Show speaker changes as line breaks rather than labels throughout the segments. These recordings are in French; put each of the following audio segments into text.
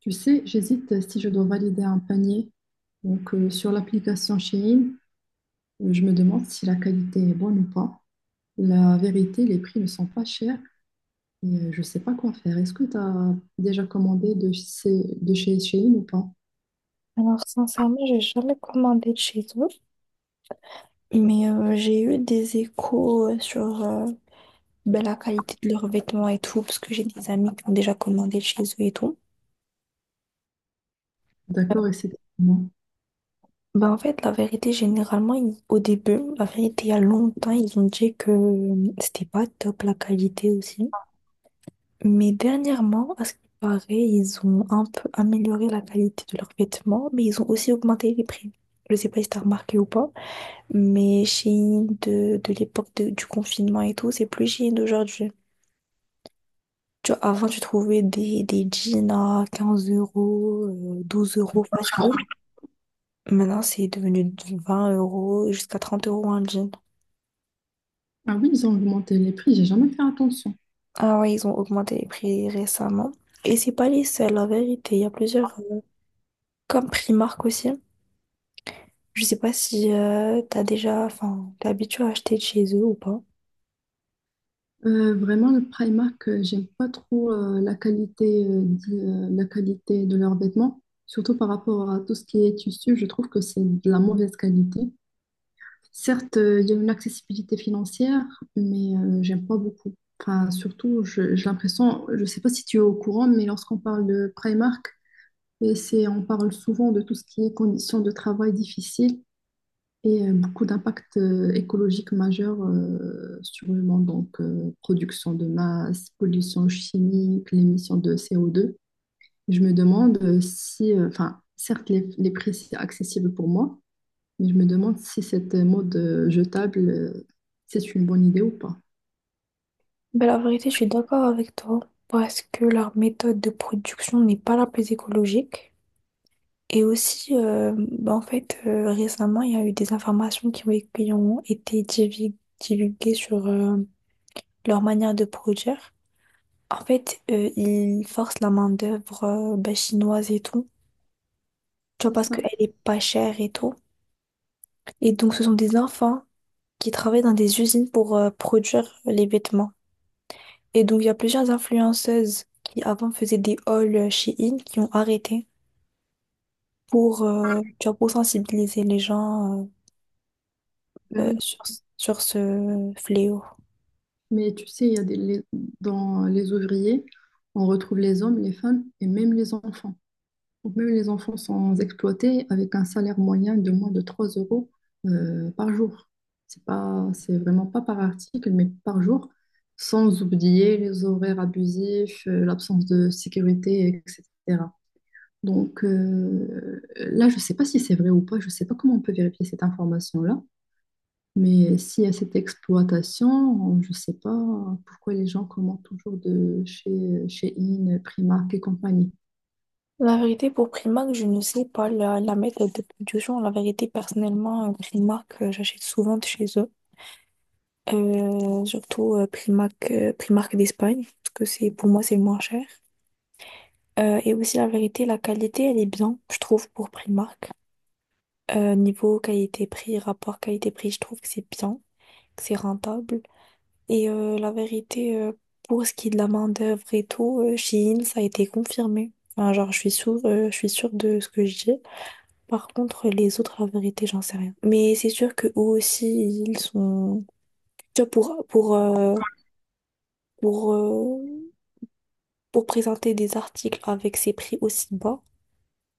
Tu sais, j'hésite si je dois valider un panier. Donc, sur l'application Shein, je me demande si la qualité est bonne ou pas. La vérité, les prix ne sont pas chers et je ne sais pas quoi faire. Est-ce que tu as déjà commandé de chez Shein ou pas?
Alors, sincèrement, j'ai jamais commandé de chez eux, mais j'ai eu des échos sur la qualité de leurs vêtements et tout, parce que j'ai des amis qui ont déjà commandé de chez eux et tout.
D'accord, et c'est moi.
Ben, en fait, la vérité, généralement, au début, la vérité, il y a longtemps, ils ont dit que c'était pas top la qualité aussi. Mais dernièrement, à ce qui paraît, ils ont un peu amélioré la qualité de leurs vêtements, mais ils ont aussi augmenté les prix. Je sais pas si t'as remarqué ou pas. Mais Shein de l'époque du confinement et tout, c'est plus Shein d'aujourd'hui. Tu vois, avant, tu trouvais des jeans à 15 euros, 12 € facile. Maintenant, c'est devenu de 20 € jusqu'à 30 € un jean.
Ah oui, ils ont augmenté les prix, j'ai jamais fait attention.
Ah ouais, ils ont augmenté les prix récemment. Et c'est pas les seuls, la vérité. Il y a plusieurs, comme Primark aussi. Je sais pas si t'as déjà, enfin, t'es habitué à acheter de chez eux ou pas.
Vraiment, le Primark, j'aime pas trop la qualité, la qualité de leurs vêtements, surtout par rapport à tout ce qui est tissu. Je trouve que c'est de la mauvaise qualité. Certes, il y a une accessibilité financière, mais j'aime pas beaucoup. Enfin, surtout, j'ai l'impression, je sais pas si tu es au courant, mais lorsqu'on parle de Primark, et c'est, on parle souvent de tout ce qui est conditions de travail difficiles et beaucoup d'impacts écologiques majeurs sur le monde, donc production de masse, pollution chimique, l'émission de CO2. Je me demande si, enfin, certes, les prix, c'est accessible pour moi, je me demande si cette mode jetable, c'est une bonne idée ou pas.
Ben, la vérité, je suis d'accord avec toi parce que leur méthode de production n'est pas la plus écologique. Et aussi, en fait, récemment, il y a eu des informations qui ont été divulguées sur leur manière de produire. En fait, ils forcent la main-d'œuvre chinoise et tout, tu vois,
C'est
parce
ça.
qu'elle est pas chère et tout. Et donc, ce sont des enfants qui travaillent dans des usines pour produire les vêtements. Et donc, il y a plusieurs influenceuses qui avant faisaient des hauls chez In qui ont arrêté pour, tu vois, pour sensibiliser les gens
Ben
euh, euh,
oui.
sur, sur ce fléau.
Mais tu sais, il y a des, les- dans les ouvriers, on retrouve les hommes, les femmes et même les enfants. Donc même les enfants sont exploités avec un salaire moyen de moins de 3 € par jour. C'est vraiment pas par article, mais par jour, sans oublier les horaires abusifs, l'absence de sécurité, etc. Donc là, je ne sais pas si c'est vrai ou pas, je ne sais pas comment on peut vérifier cette information-là, mais s'il y a cette exploitation, je ne sais pas pourquoi les gens commandent toujours de chez In, Primark et compagnie.
La vérité, pour Primark, je ne sais pas la méthode de production. La vérité, personnellement, Primark, j'achète souvent de chez eux. Surtout Primark, Primark d'Espagne, parce que c'est le moins cher. Et aussi, la vérité, la qualité, elle est bien, je trouve, pour Primark. Niveau qualité-prix, rapport qualité-prix, je trouve que c'est bien, c'est rentable. Et la vérité, pour ce qui est de la main-d'œuvre et tout, chez Shein, ça a été confirmé. Enfin, genre, je suis sûre de ce que je dis. Par contre, les autres, la vérité, j'en sais rien. Mais c'est sûr que eux aussi, ils sont. Tu vois, pour, euh, pour présenter des articles avec ces prix aussi bas,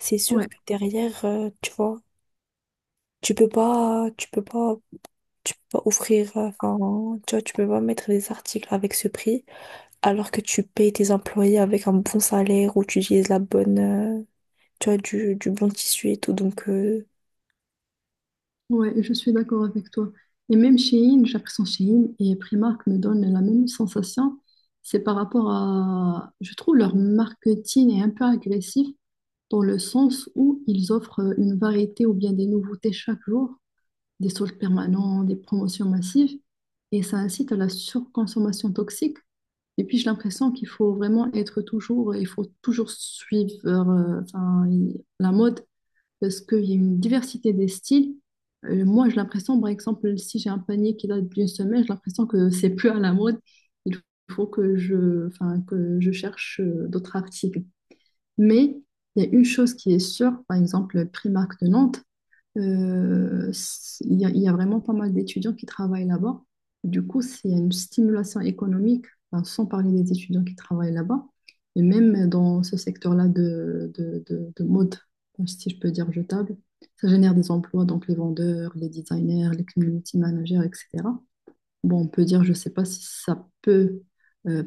c'est
Ouais,
sûr que derrière, tu vois, tu peux pas, tu peux pas, tu peux pas offrir, enfin, tu vois, tu peux pas mettre des articles avec ce prix alors que tu payes tes employés avec un bon salaire ou tu utilises la bonne, tu vois, du bon tissu et tout. Donc,
ouais, je suis d'accord avec toi. Et même chez In, j'ai l'impression que chez In et Primark me donnent la même sensation. C'est par rapport à, je trouve leur marketing est un peu agressif dans le sens où ils offrent une variété ou bien des nouveautés chaque jour. Des soldes permanents, des promotions massives, et ça incite à la surconsommation toxique. Et puis j'ai l'impression qu'il faut vraiment être toujours, il faut toujours suivre la mode parce qu'il y a une diversité des styles. Moi j'ai l'impression, par exemple, si j'ai un panier qui date d'une semaine, j'ai l'impression que c'est plus à la mode. Il faut que que je cherche d'autres articles. Mais il y a une chose qui est sûre, par exemple, Primark de Nantes. Il y a vraiment pas mal d'étudiants qui travaillent là-bas. Du coup, c'est une stimulation économique, enfin, sans parler des étudiants qui travaillent là-bas. Et même dans ce secteur-là de mode, si je peux dire jetable, ça génère des emplois, donc les vendeurs, les designers, les community managers, etc. Bon, on peut dire, je ne sais pas si ça peut euh,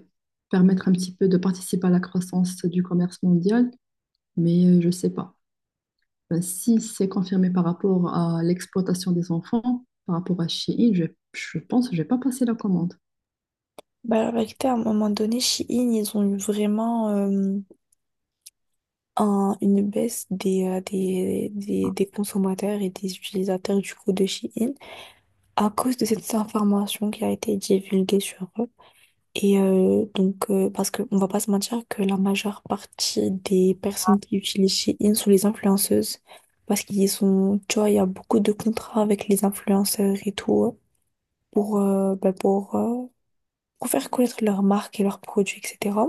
permettre un petit peu de participer à la croissance du commerce mondial, mais je ne sais pas. Ben, si c'est confirmé par rapport à l'exploitation des enfants, par rapport à Shein, je pense que je vais pas passer la commande.
bah, la vérité, à un moment donné, Shein, ils ont eu vraiment une baisse des consommateurs et des utilisateurs du coup de Shein à cause de cette information qui a été divulguée sur eux. Et parce qu'on ne va pas se mentir que la majeure partie des personnes qui utilisent Shein sont les influenceuses. Parce qu'ils sont, tu vois, il y a beaucoup de contrats avec les influenceurs et tout pour, pour faire connaître leur marque et leurs produits, etc.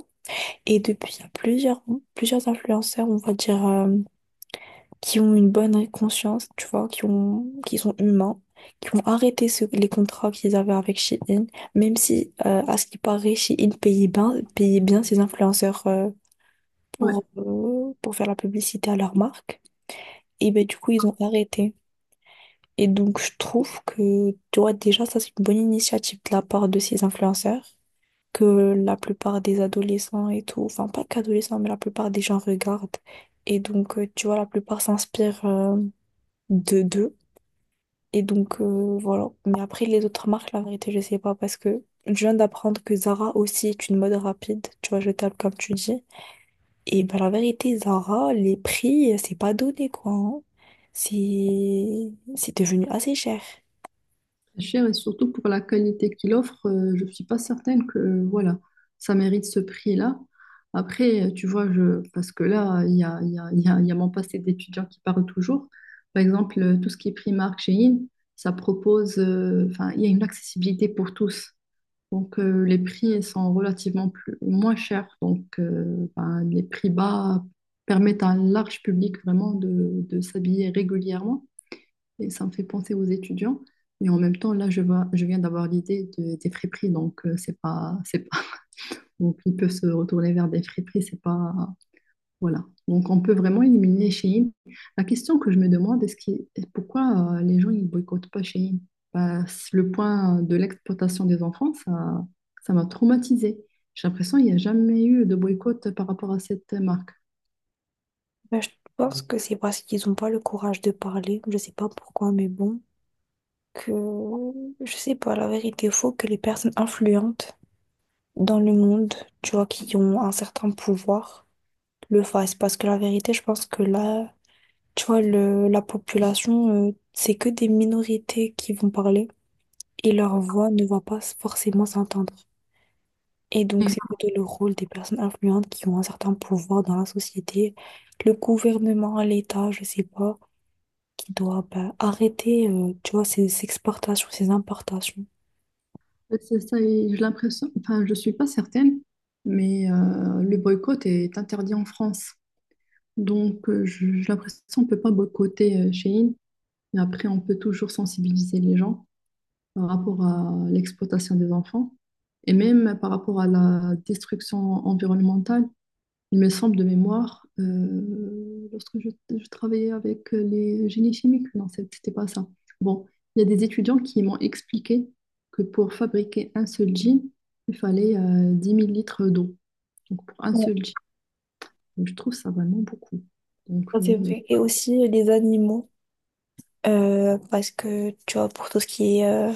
Et depuis, il y a plusieurs influenceurs, on va dire, qui ont une bonne conscience, tu vois, qui sont humains, qui ont arrêté les contrats qu'ils avaient avec Shein, même si, à ce qui paraît, Shein payait bien ses influenceurs,
Ouais,
pour faire la publicité à leur marque. Et ben, du coup, ils ont arrêté. Et donc, je trouve que, tu vois, déjà, ça, c'est une bonne initiative de la part de ces influenceurs, que la plupart des adolescents et tout, enfin, pas qu'adolescents, mais la plupart des gens regardent. Et donc, tu vois, la plupart s'inspirent, de d'eux. Et donc, voilà. Mais après, les autres marques, la vérité, je sais pas parce que je viens d'apprendre que Zara aussi est une mode rapide. Tu vois, je jetable, comme tu dis. Et ben, la vérité, Zara, les prix, c'est pas donné, quoi, hein. C'est devenu assez cher.
c'est cher et surtout pour la qualité qu'il offre, je suis pas certaine que voilà, ça mérite ce prix-là. Après, tu vois, parce que là, il y a, il y a- il y a- il y a mon passé d'étudiant qui parle toujours. Par exemple, tout ce qui est Primark, Shein, ça propose, enfin, il y a une accessibilité pour tous. Donc, les prix sont relativement moins chers. Donc, ben, les prix bas permettent à un large public vraiment de s'habiller régulièrement. Et ça me fait penser aux étudiants. Mais en même temps, je viens d'avoir l'idée des friperies. Donc, c'est pas, donc, ils peuvent se retourner vers des friperies. C'est pas, voilà. Donc, on peut vraiment éliminer Shein. La question que je me demande, pourquoi les gens ils boycottent pas Shein? Bah, c'est le point de l'exploitation des enfants, ça m'a traumatisée. J'ai l'impression qu'il n'y a jamais eu de boycott par rapport à cette marque.
Ben, je pense que c'est parce qu'ils ont pas le courage de parler. Je sais pas pourquoi, mais bon. Que je sais pas, la vérité, faut que les personnes influentes dans le monde, tu vois, qui ont un certain pouvoir, le fassent. Parce que la vérité, je pense que là, tu vois, la population, c'est que des minorités qui vont parler et leur voix ne va pas forcément s'entendre. Et donc, c'est
Mm.
plutôt le rôle des personnes influentes qui ont un certain pouvoir dans la société, le gouvernement, l'État, je sais pas, qui doit ben, arrêter, tu vois, ces exportations, ces importations.
En fait, c'est ça, et j'ai l'impression, enfin, je suis pas certaine, mais le boycott est interdit en France. Donc, j'ai l'impression qu'on ne peut pas boycotter Shein. Mais après, on peut toujours sensibiliser les gens par rapport à l'exploitation des enfants et même par rapport à la destruction environnementale. Il me semble de mémoire, lorsque je travaillais avec les génies chimiques, non, c'était pas ça. Bon, il y a des étudiants qui m'ont expliqué que pour fabriquer un seul jean, il fallait 10 000 litres d'eau. Donc pour un
Ouais,
seul jean, donc, je trouve ça vraiment beaucoup. Donc
ça, c'est vrai. Et aussi les animaux, parce que, tu vois, pour tout ce qui est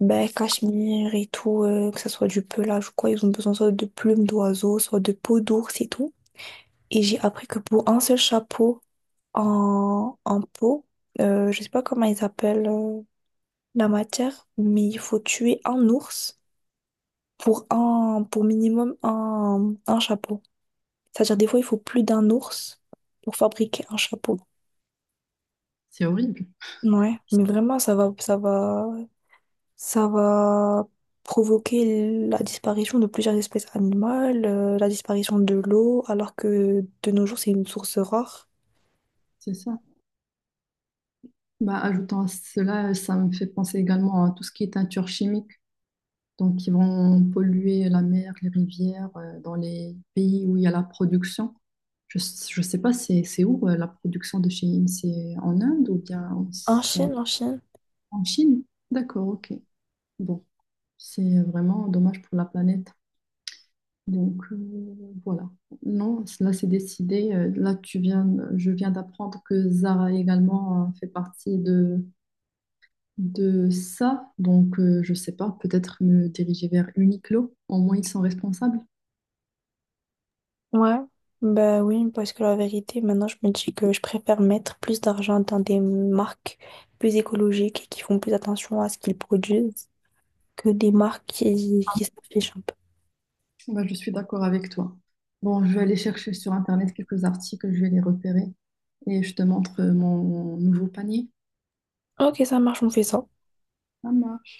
ben, cachemire et tout, que ça soit du pelage ou quoi, ils ont besoin soit de plumes d'oiseaux, soit de peau d'ours et tout. Et j'ai appris que pour un seul chapeau en peau, je sais pas comment ils appellent la matière, mais il faut tuer un ours pour minimum un chapeau. C'est-à-dire des fois il faut plus d'un ours pour fabriquer un chapeau.
c'est horrible.
Ouais, mais vraiment ça va provoquer la disparition de plusieurs espèces animales, la disparition de l'eau, alors que de nos jours, c'est une source rare.
C'est ça. Bah, ajoutant à cela, ça me fait penser également à tout ce qui est teinture chimique. Donc, ils vont polluer la mer, les rivières, dans les pays où il y a la production. Je ne sais pas, c'est où la production de chéine? C'est en Inde ou bien
En
c'est en,
Chine, en Chine.
en Chine? D'accord, ok. Bon, c'est vraiment dommage pour la planète. Donc, voilà. Non, là, c'est décidé. Je viens d'apprendre que Zara également fait partie de ça. Donc, je sais pas, peut-être me diriger vers Uniqlo. Au moins, ils sont responsables.
Ouais. Ben oui, parce que la vérité, maintenant, je me dis que je préfère mettre plus d'argent dans des marques plus écologiques et qui font plus attention à ce qu'ils produisent que des marques qui s'affichent un peu.
Bah, je suis d'accord avec toi. Bon, je vais aller chercher sur Internet quelques articles, je vais les repérer et je te montre mon nouveau panier.
Ok, ça marche, on fait ça.
À